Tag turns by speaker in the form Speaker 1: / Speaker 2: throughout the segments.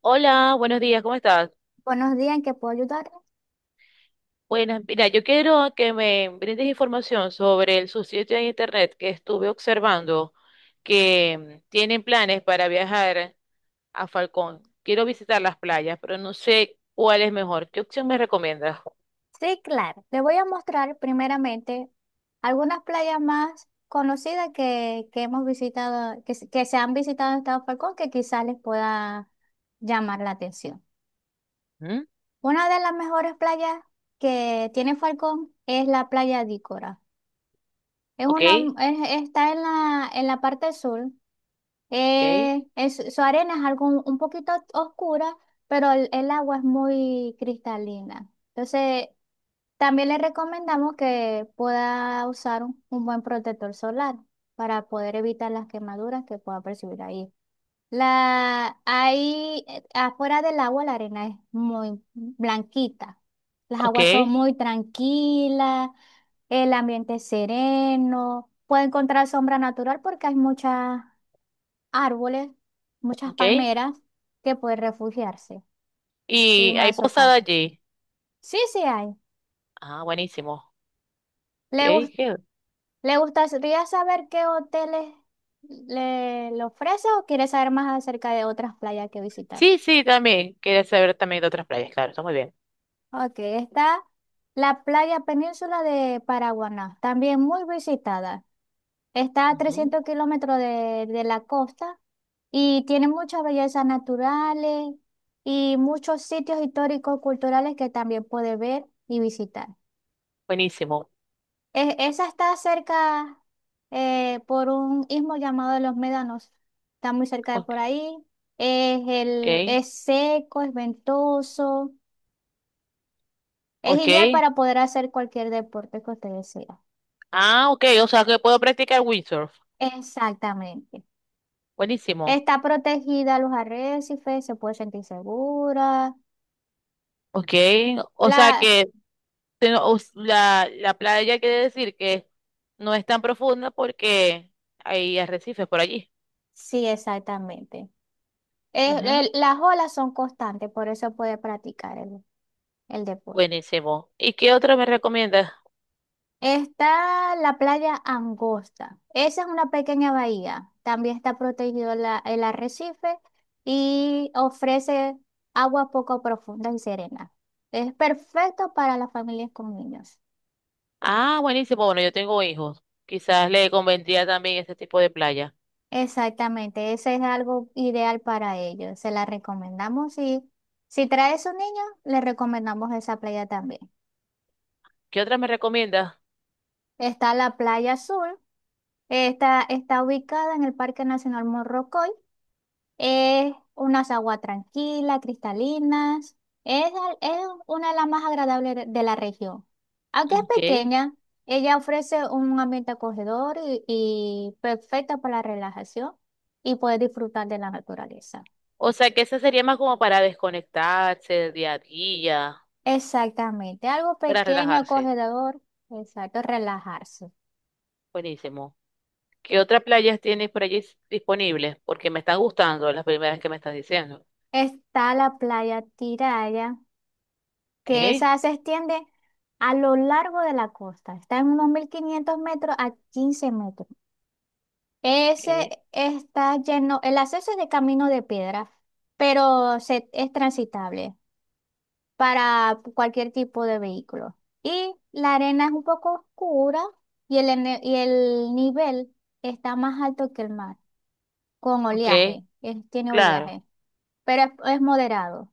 Speaker 1: Hola, buenos días, ¿cómo estás?
Speaker 2: Buenos días, ¿en qué puedo ayudar?
Speaker 1: Buenas, mira, yo quiero que me brindes información sobre el subsitio de internet que estuve observando que tienen planes para viajar a Falcón. Quiero visitar las playas, pero no sé cuál es mejor. ¿Qué opción me recomiendas?
Speaker 2: Sí, claro. Le voy a mostrar primeramente algunas playas más conocidas que hemos visitado, que, se han visitado en Estado Falcón, que quizás les pueda llamar la atención.
Speaker 1: ¿Mm?
Speaker 2: Una de las mejores playas que tiene Falcón es la playa de Ícora. Es
Speaker 1: Ok,
Speaker 2: una, está en la parte sur.
Speaker 1: ok,
Speaker 2: Su arena es algo un poquito oscura, pero el agua es muy cristalina. Entonces, también le recomendamos que pueda usar un buen protector solar para poder evitar las quemaduras que pueda percibir ahí. La, ahí, afuera del agua, la arena es muy blanquita. Las
Speaker 1: ok,
Speaker 2: aguas son muy tranquilas, el ambiente es sereno. Puede encontrar sombra natural porque hay muchas árboles, muchas
Speaker 1: ok.
Speaker 2: palmeras que puede refugiarse y
Speaker 1: Y hay posada
Speaker 2: marzocarpos.
Speaker 1: allí.
Speaker 2: Sí, sí hay.
Speaker 1: Ah, buenísimo.
Speaker 2: ¿Le,
Speaker 1: Ok,
Speaker 2: gus-
Speaker 1: qué-
Speaker 2: ¿Le gustaría saber qué hoteles le, le ofrece o quiere saber más acerca de otras playas que visitar?
Speaker 1: sí, sí, también. Quería saber también de otras playas, claro, está muy bien.
Speaker 2: Ok, está la playa península de Paraguaná, también muy visitada. Está a
Speaker 1: Ujú,
Speaker 2: 300 kilómetros de la costa y tiene muchas bellezas naturales y muchos sitios históricos, culturales que también puede ver y visitar.
Speaker 1: buenísimo.
Speaker 2: Esa está cerca por un istmo llamado Los Médanos. Está muy cerca de
Speaker 1: Ok,
Speaker 2: por ahí. Es, el,
Speaker 1: ok.
Speaker 2: es seco, es ventoso. Es
Speaker 1: Ok.
Speaker 2: ideal para poder hacer cualquier deporte que usted desea.
Speaker 1: Ah, ok. O sea que puedo practicar windsurf.
Speaker 2: Exactamente.
Speaker 1: Buenísimo.
Speaker 2: Está protegida a los arrecifes, se puede sentir segura.
Speaker 1: Ok. O sea
Speaker 2: La...
Speaker 1: que la playa quiere decir que no es tan profunda porque hay arrecifes por allí.
Speaker 2: Sí, exactamente.
Speaker 1: Ujú.
Speaker 2: Las olas son constantes, por eso puede practicar el deporte.
Speaker 1: Buenísimo. ¿Y qué otro me recomiendas?
Speaker 2: Está la playa Angosta. Esa es una pequeña bahía. También está protegido el arrecife y ofrece agua poco profunda y serena. Es perfecto para las familias con niños.
Speaker 1: Ah, buenísimo. Bueno, yo tengo hijos. Quizás le convendría también ese tipo de playa.
Speaker 2: Exactamente, ese es algo ideal para ellos. Se la recomendamos y si trae su niño, le recomendamos esa playa también.
Speaker 1: ¿Qué otra me recomiendas?
Speaker 2: Está la playa Azul. Esta está ubicada en el Parque Nacional Morrocoy. Es unas aguas tranquilas, cristalinas. Es, es una de las más agradables de la región. Aunque es
Speaker 1: Ok.
Speaker 2: pequeña, ella ofrece un ambiente acogedor y perfecto para la relajación y poder disfrutar de la naturaleza.
Speaker 1: O sea que esa sería más como para desconectarse del día a día,
Speaker 2: Exactamente, algo
Speaker 1: para
Speaker 2: pequeño,
Speaker 1: relajarse.
Speaker 2: acogedor, exacto, relajarse.
Speaker 1: Buenísimo. ¿Qué otras playas tienes por allí disponibles? Porque me están gustando las primeras que me estás diciendo.
Speaker 2: Está la playa Tiraya,
Speaker 1: Ok,
Speaker 2: que esa se extiende a lo largo de la costa. Está en unos 1.500 metros a 15 metros. Ese
Speaker 1: ok,
Speaker 2: está lleno, el acceso es de camino de piedra, pero es transitable para cualquier tipo de vehículo. Y la arena es un poco oscura y y el nivel está más alto que el mar, con
Speaker 1: ok,
Speaker 2: oleaje, tiene
Speaker 1: claro.
Speaker 2: oleaje, pero es moderado.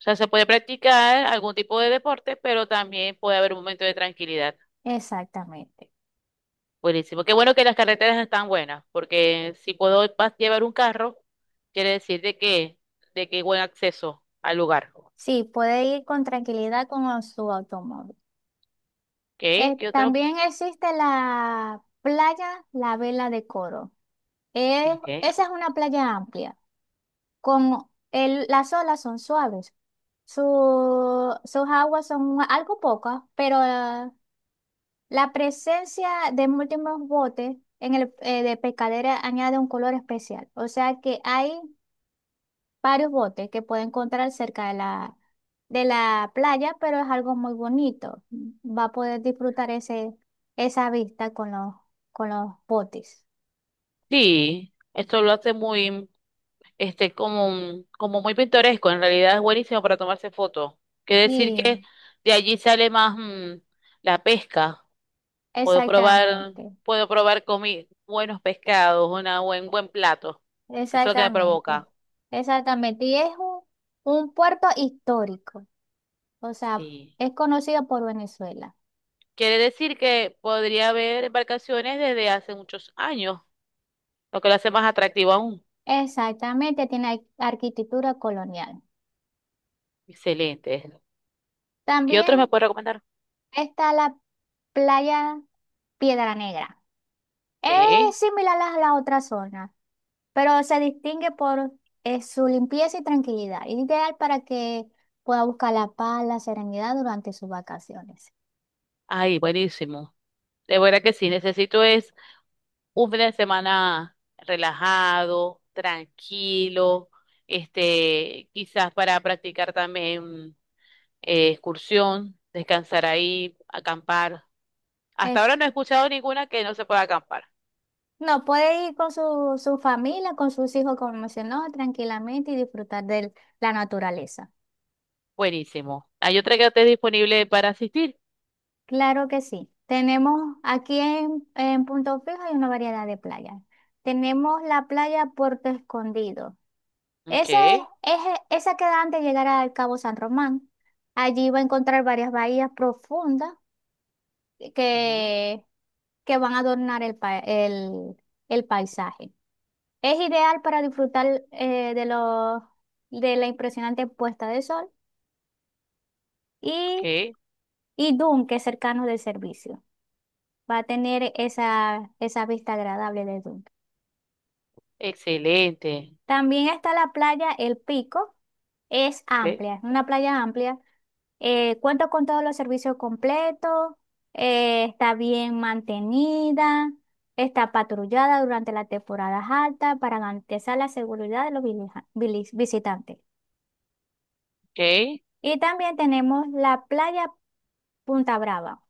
Speaker 1: O sea, se puede practicar algún tipo de deporte, pero también puede haber un momento de tranquilidad.
Speaker 2: Exactamente.
Speaker 1: Buenísimo. Qué bueno que las carreteras están buenas, porque si puedo llevar un carro, quiere decir de que hay buen acceso al lugar. Ok,
Speaker 2: Sí, puede ir con tranquilidad con su automóvil.
Speaker 1: ¿qué otro?
Speaker 2: También existe la playa La Vela de Coro.
Speaker 1: Ok.
Speaker 2: Esa es una playa amplia. Con el, las olas son suaves. Sus aguas son algo pocas, pero la presencia de múltiples botes en el, de pescadera añade un color especial. O sea que hay varios botes que puede encontrar cerca de la playa, pero es algo muy bonito. Va a poder disfrutar ese, esa vista con los botes.
Speaker 1: Sí, esto lo hace muy, este, como, como muy pintoresco, en realidad es buenísimo para tomarse fotos. Quiere decir que
Speaker 2: Sí,
Speaker 1: de allí sale más la pesca. Puedo probar,
Speaker 2: exactamente.
Speaker 1: puedo probar comi buenos pescados, una buen plato. Eso es lo que me
Speaker 2: Exactamente,
Speaker 1: provoca.
Speaker 2: Exactamente. Y es un puerto histórico, o sea,
Speaker 1: Sí.
Speaker 2: es conocido por Venezuela.
Speaker 1: Quiere decir que podría haber embarcaciones desde hace muchos años, lo que lo hace más atractivo aún.
Speaker 2: Exactamente, tiene arquitectura colonial.
Speaker 1: Excelente. ¿Qué otros me
Speaker 2: También
Speaker 1: puede recomendar?
Speaker 2: está la playa Piedra Negra.
Speaker 1: ¿Qué?
Speaker 2: Es similar a la otra zona, pero se distingue por su limpieza y tranquilidad, ideal para que pueda buscar la paz, la serenidad durante sus vacaciones.
Speaker 1: Ay, buenísimo. De verdad que sí, necesito es un fin de semana relajado, tranquilo, este, quizás para practicar también excursión, descansar ahí, acampar. Hasta ahora no he escuchado ninguna que no se pueda acampar.
Speaker 2: No, puede ir con su, su familia, con sus hijos, como mencionó, tranquilamente y disfrutar de la naturaleza.
Speaker 1: Buenísimo. ¿Hay otra que esté disponible para asistir?
Speaker 2: Claro que sí. Tenemos aquí en Punto Fijo hay una variedad de playas. Tenemos la playa Puerto Escondido.
Speaker 1: Ok,
Speaker 2: Esa es, esa queda antes de llegar al Cabo San Román. Allí va a encontrar varias bahías profundas
Speaker 1: ujú,
Speaker 2: que, que van a adornar el, el paisaje. Es ideal para disfrutar eh, de, los de la impresionante puesta de sol
Speaker 1: ok,
Speaker 2: y, y Dune, que es cercano del servicio. Va a tener esa, esa vista agradable de Dune.
Speaker 1: excelente.
Speaker 2: También está la playa El Pico. Es
Speaker 1: Ok,
Speaker 2: amplia, es una playa amplia. Cuenta con todos los servicios completos, está bien mantenida, está patrullada durante las temporadas altas para garantizar la seguridad de los visitantes.
Speaker 1: ok.
Speaker 2: Y también tenemos la playa Punta Brava.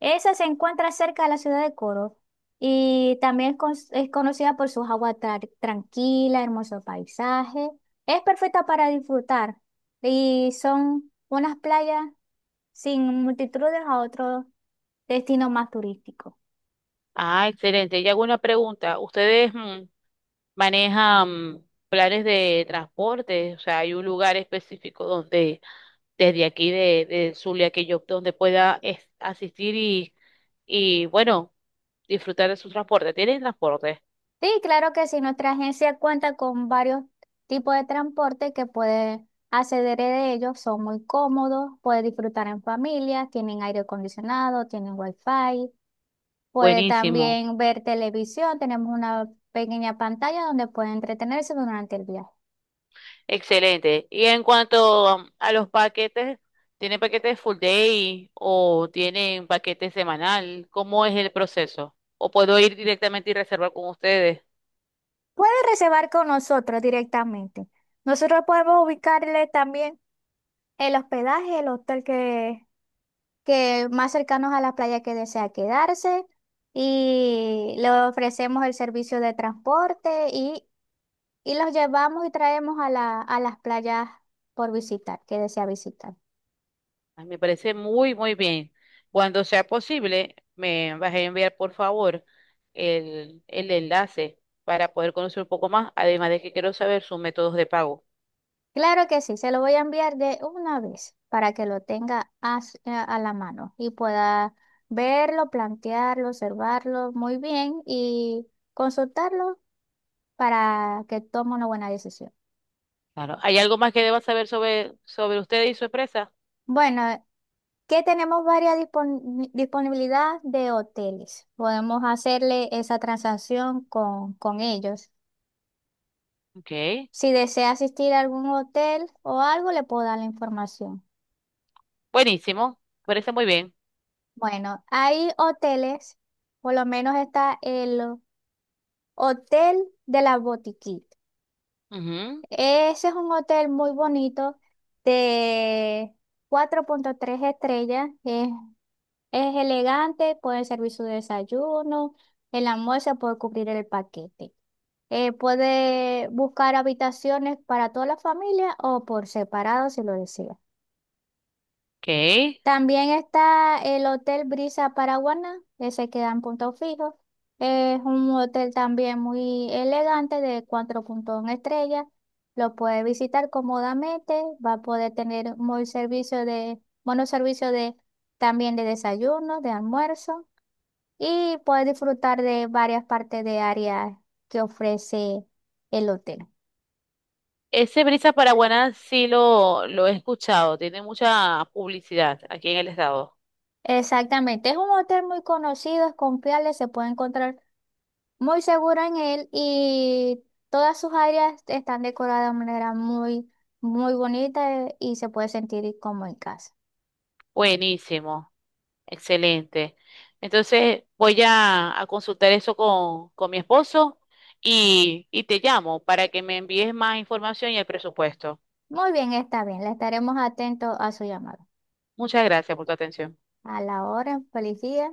Speaker 2: Esa se encuentra cerca de la ciudad de Coro y también es, es conocida por sus aguas tranquilas, hermoso paisaje. Es perfecta para disfrutar y son unas playas sin multitudes a otro destino más turístico.
Speaker 1: Ah, excelente. Y hago una pregunta. ¿Ustedes manejan planes de transporte? O sea, hay un lugar específico donde desde aquí de Zulia que yo donde pueda asistir y bueno, disfrutar de su transporte. ¿Tienen transporte?
Speaker 2: Sí, claro que sí, nuestra agencia cuenta con varios tipos de transporte que puede acceder de ellos, son muy cómodos, puede disfrutar en familia, tienen aire acondicionado, tienen wifi, puede
Speaker 1: Buenísimo,
Speaker 2: también ver televisión, tenemos una pequeña pantalla donde puede entretenerse durante el viaje.
Speaker 1: excelente. Y en cuanto a los paquetes, ¿tienen paquetes full day o tienen paquete semanal? ¿Cómo es el proceso? ¿O puedo ir directamente y reservar con ustedes?
Speaker 2: Puede reservar con nosotros directamente. Nosotros podemos ubicarle también el hospedaje, el hotel que más cercanos a la playa que desea quedarse y le ofrecemos el servicio de transporte y los llevamos y traemos a la, a las playas por visitar, que desea visitar.
Speaker 1: Ay, me parece muy, muy bien. Cuando sea posible, me vas a enviar, por favor, el enlace para poder conocer un poco más, además de que quiero saber sus métodos de pago.
Speaker 2: Claro que sí, se lo voy a enviar de una vez para que lo tenga a, a la mano y pueda verlo, plantearlo, observarlo muy bien y consultarlo para que tome una buena decisión.
Speaker 1: Claro. ¿Hay algo más que deba saber sobre usted y su empresa?
Speaker 2: Bueno, que tenemos varias disponibilidad de hoteles. Podemos hacerle esa transacción con ellos.
Speaker 1: Ok.
Speaker 2: Si desea asistir a algún hotel o algo, le puedo dar la información.
Speaker 1: Buenísimo. Parece muy bien.
Speaker 2: Bueno, hay hoteles, por lo menos está el Hotel de la Botiquita.
Speaker 1: Ujú.
Speaker 2: Ese es un hotel muy bonito de 4.3 estrellas. Es elegante, puede servir su desayuno, el almuerzo puede cubrir el paquete. Puede buscar habitaciones para toda la familia o por separado si lo desea.
Speaker 1: Ok.
Speaker 2: También está el Hotel Brisa Paraguaná, ese queda en Punto Fijo. Es un hotel también muy elegante de 4.1 estrellas. Lo puede visitar cómodamente, va a poder tener muy servicio de, buenos servicios de, también de desayuno, de almuerzo y puedes disfrutar de varias partes de áreas que ofrece el hotel.
Speaker 1: Ese Brisa Paraguaná sí lo he escuchado. Tiene mucha publicidad aquí en el estado.
Speaker 2: Exactamente, es un hotel muy conocido, es confiable, se puede encontrar muy seguro en él y todas sus áreas están decoradas de manera muy, muy bonita y se puede sentir como en casa.
Speaker 1: Buenísimo, excelente. Entonces voy a consultar eso con mi esposo y te llamo para que me envíes más información y el presupuesto.
Speaker 2: Muy bien, está bien, le estaremos atentos a su llamado.
Speaker 1: Muchas gracias por tu atención.
Speaker 2: A la hora, feliz día.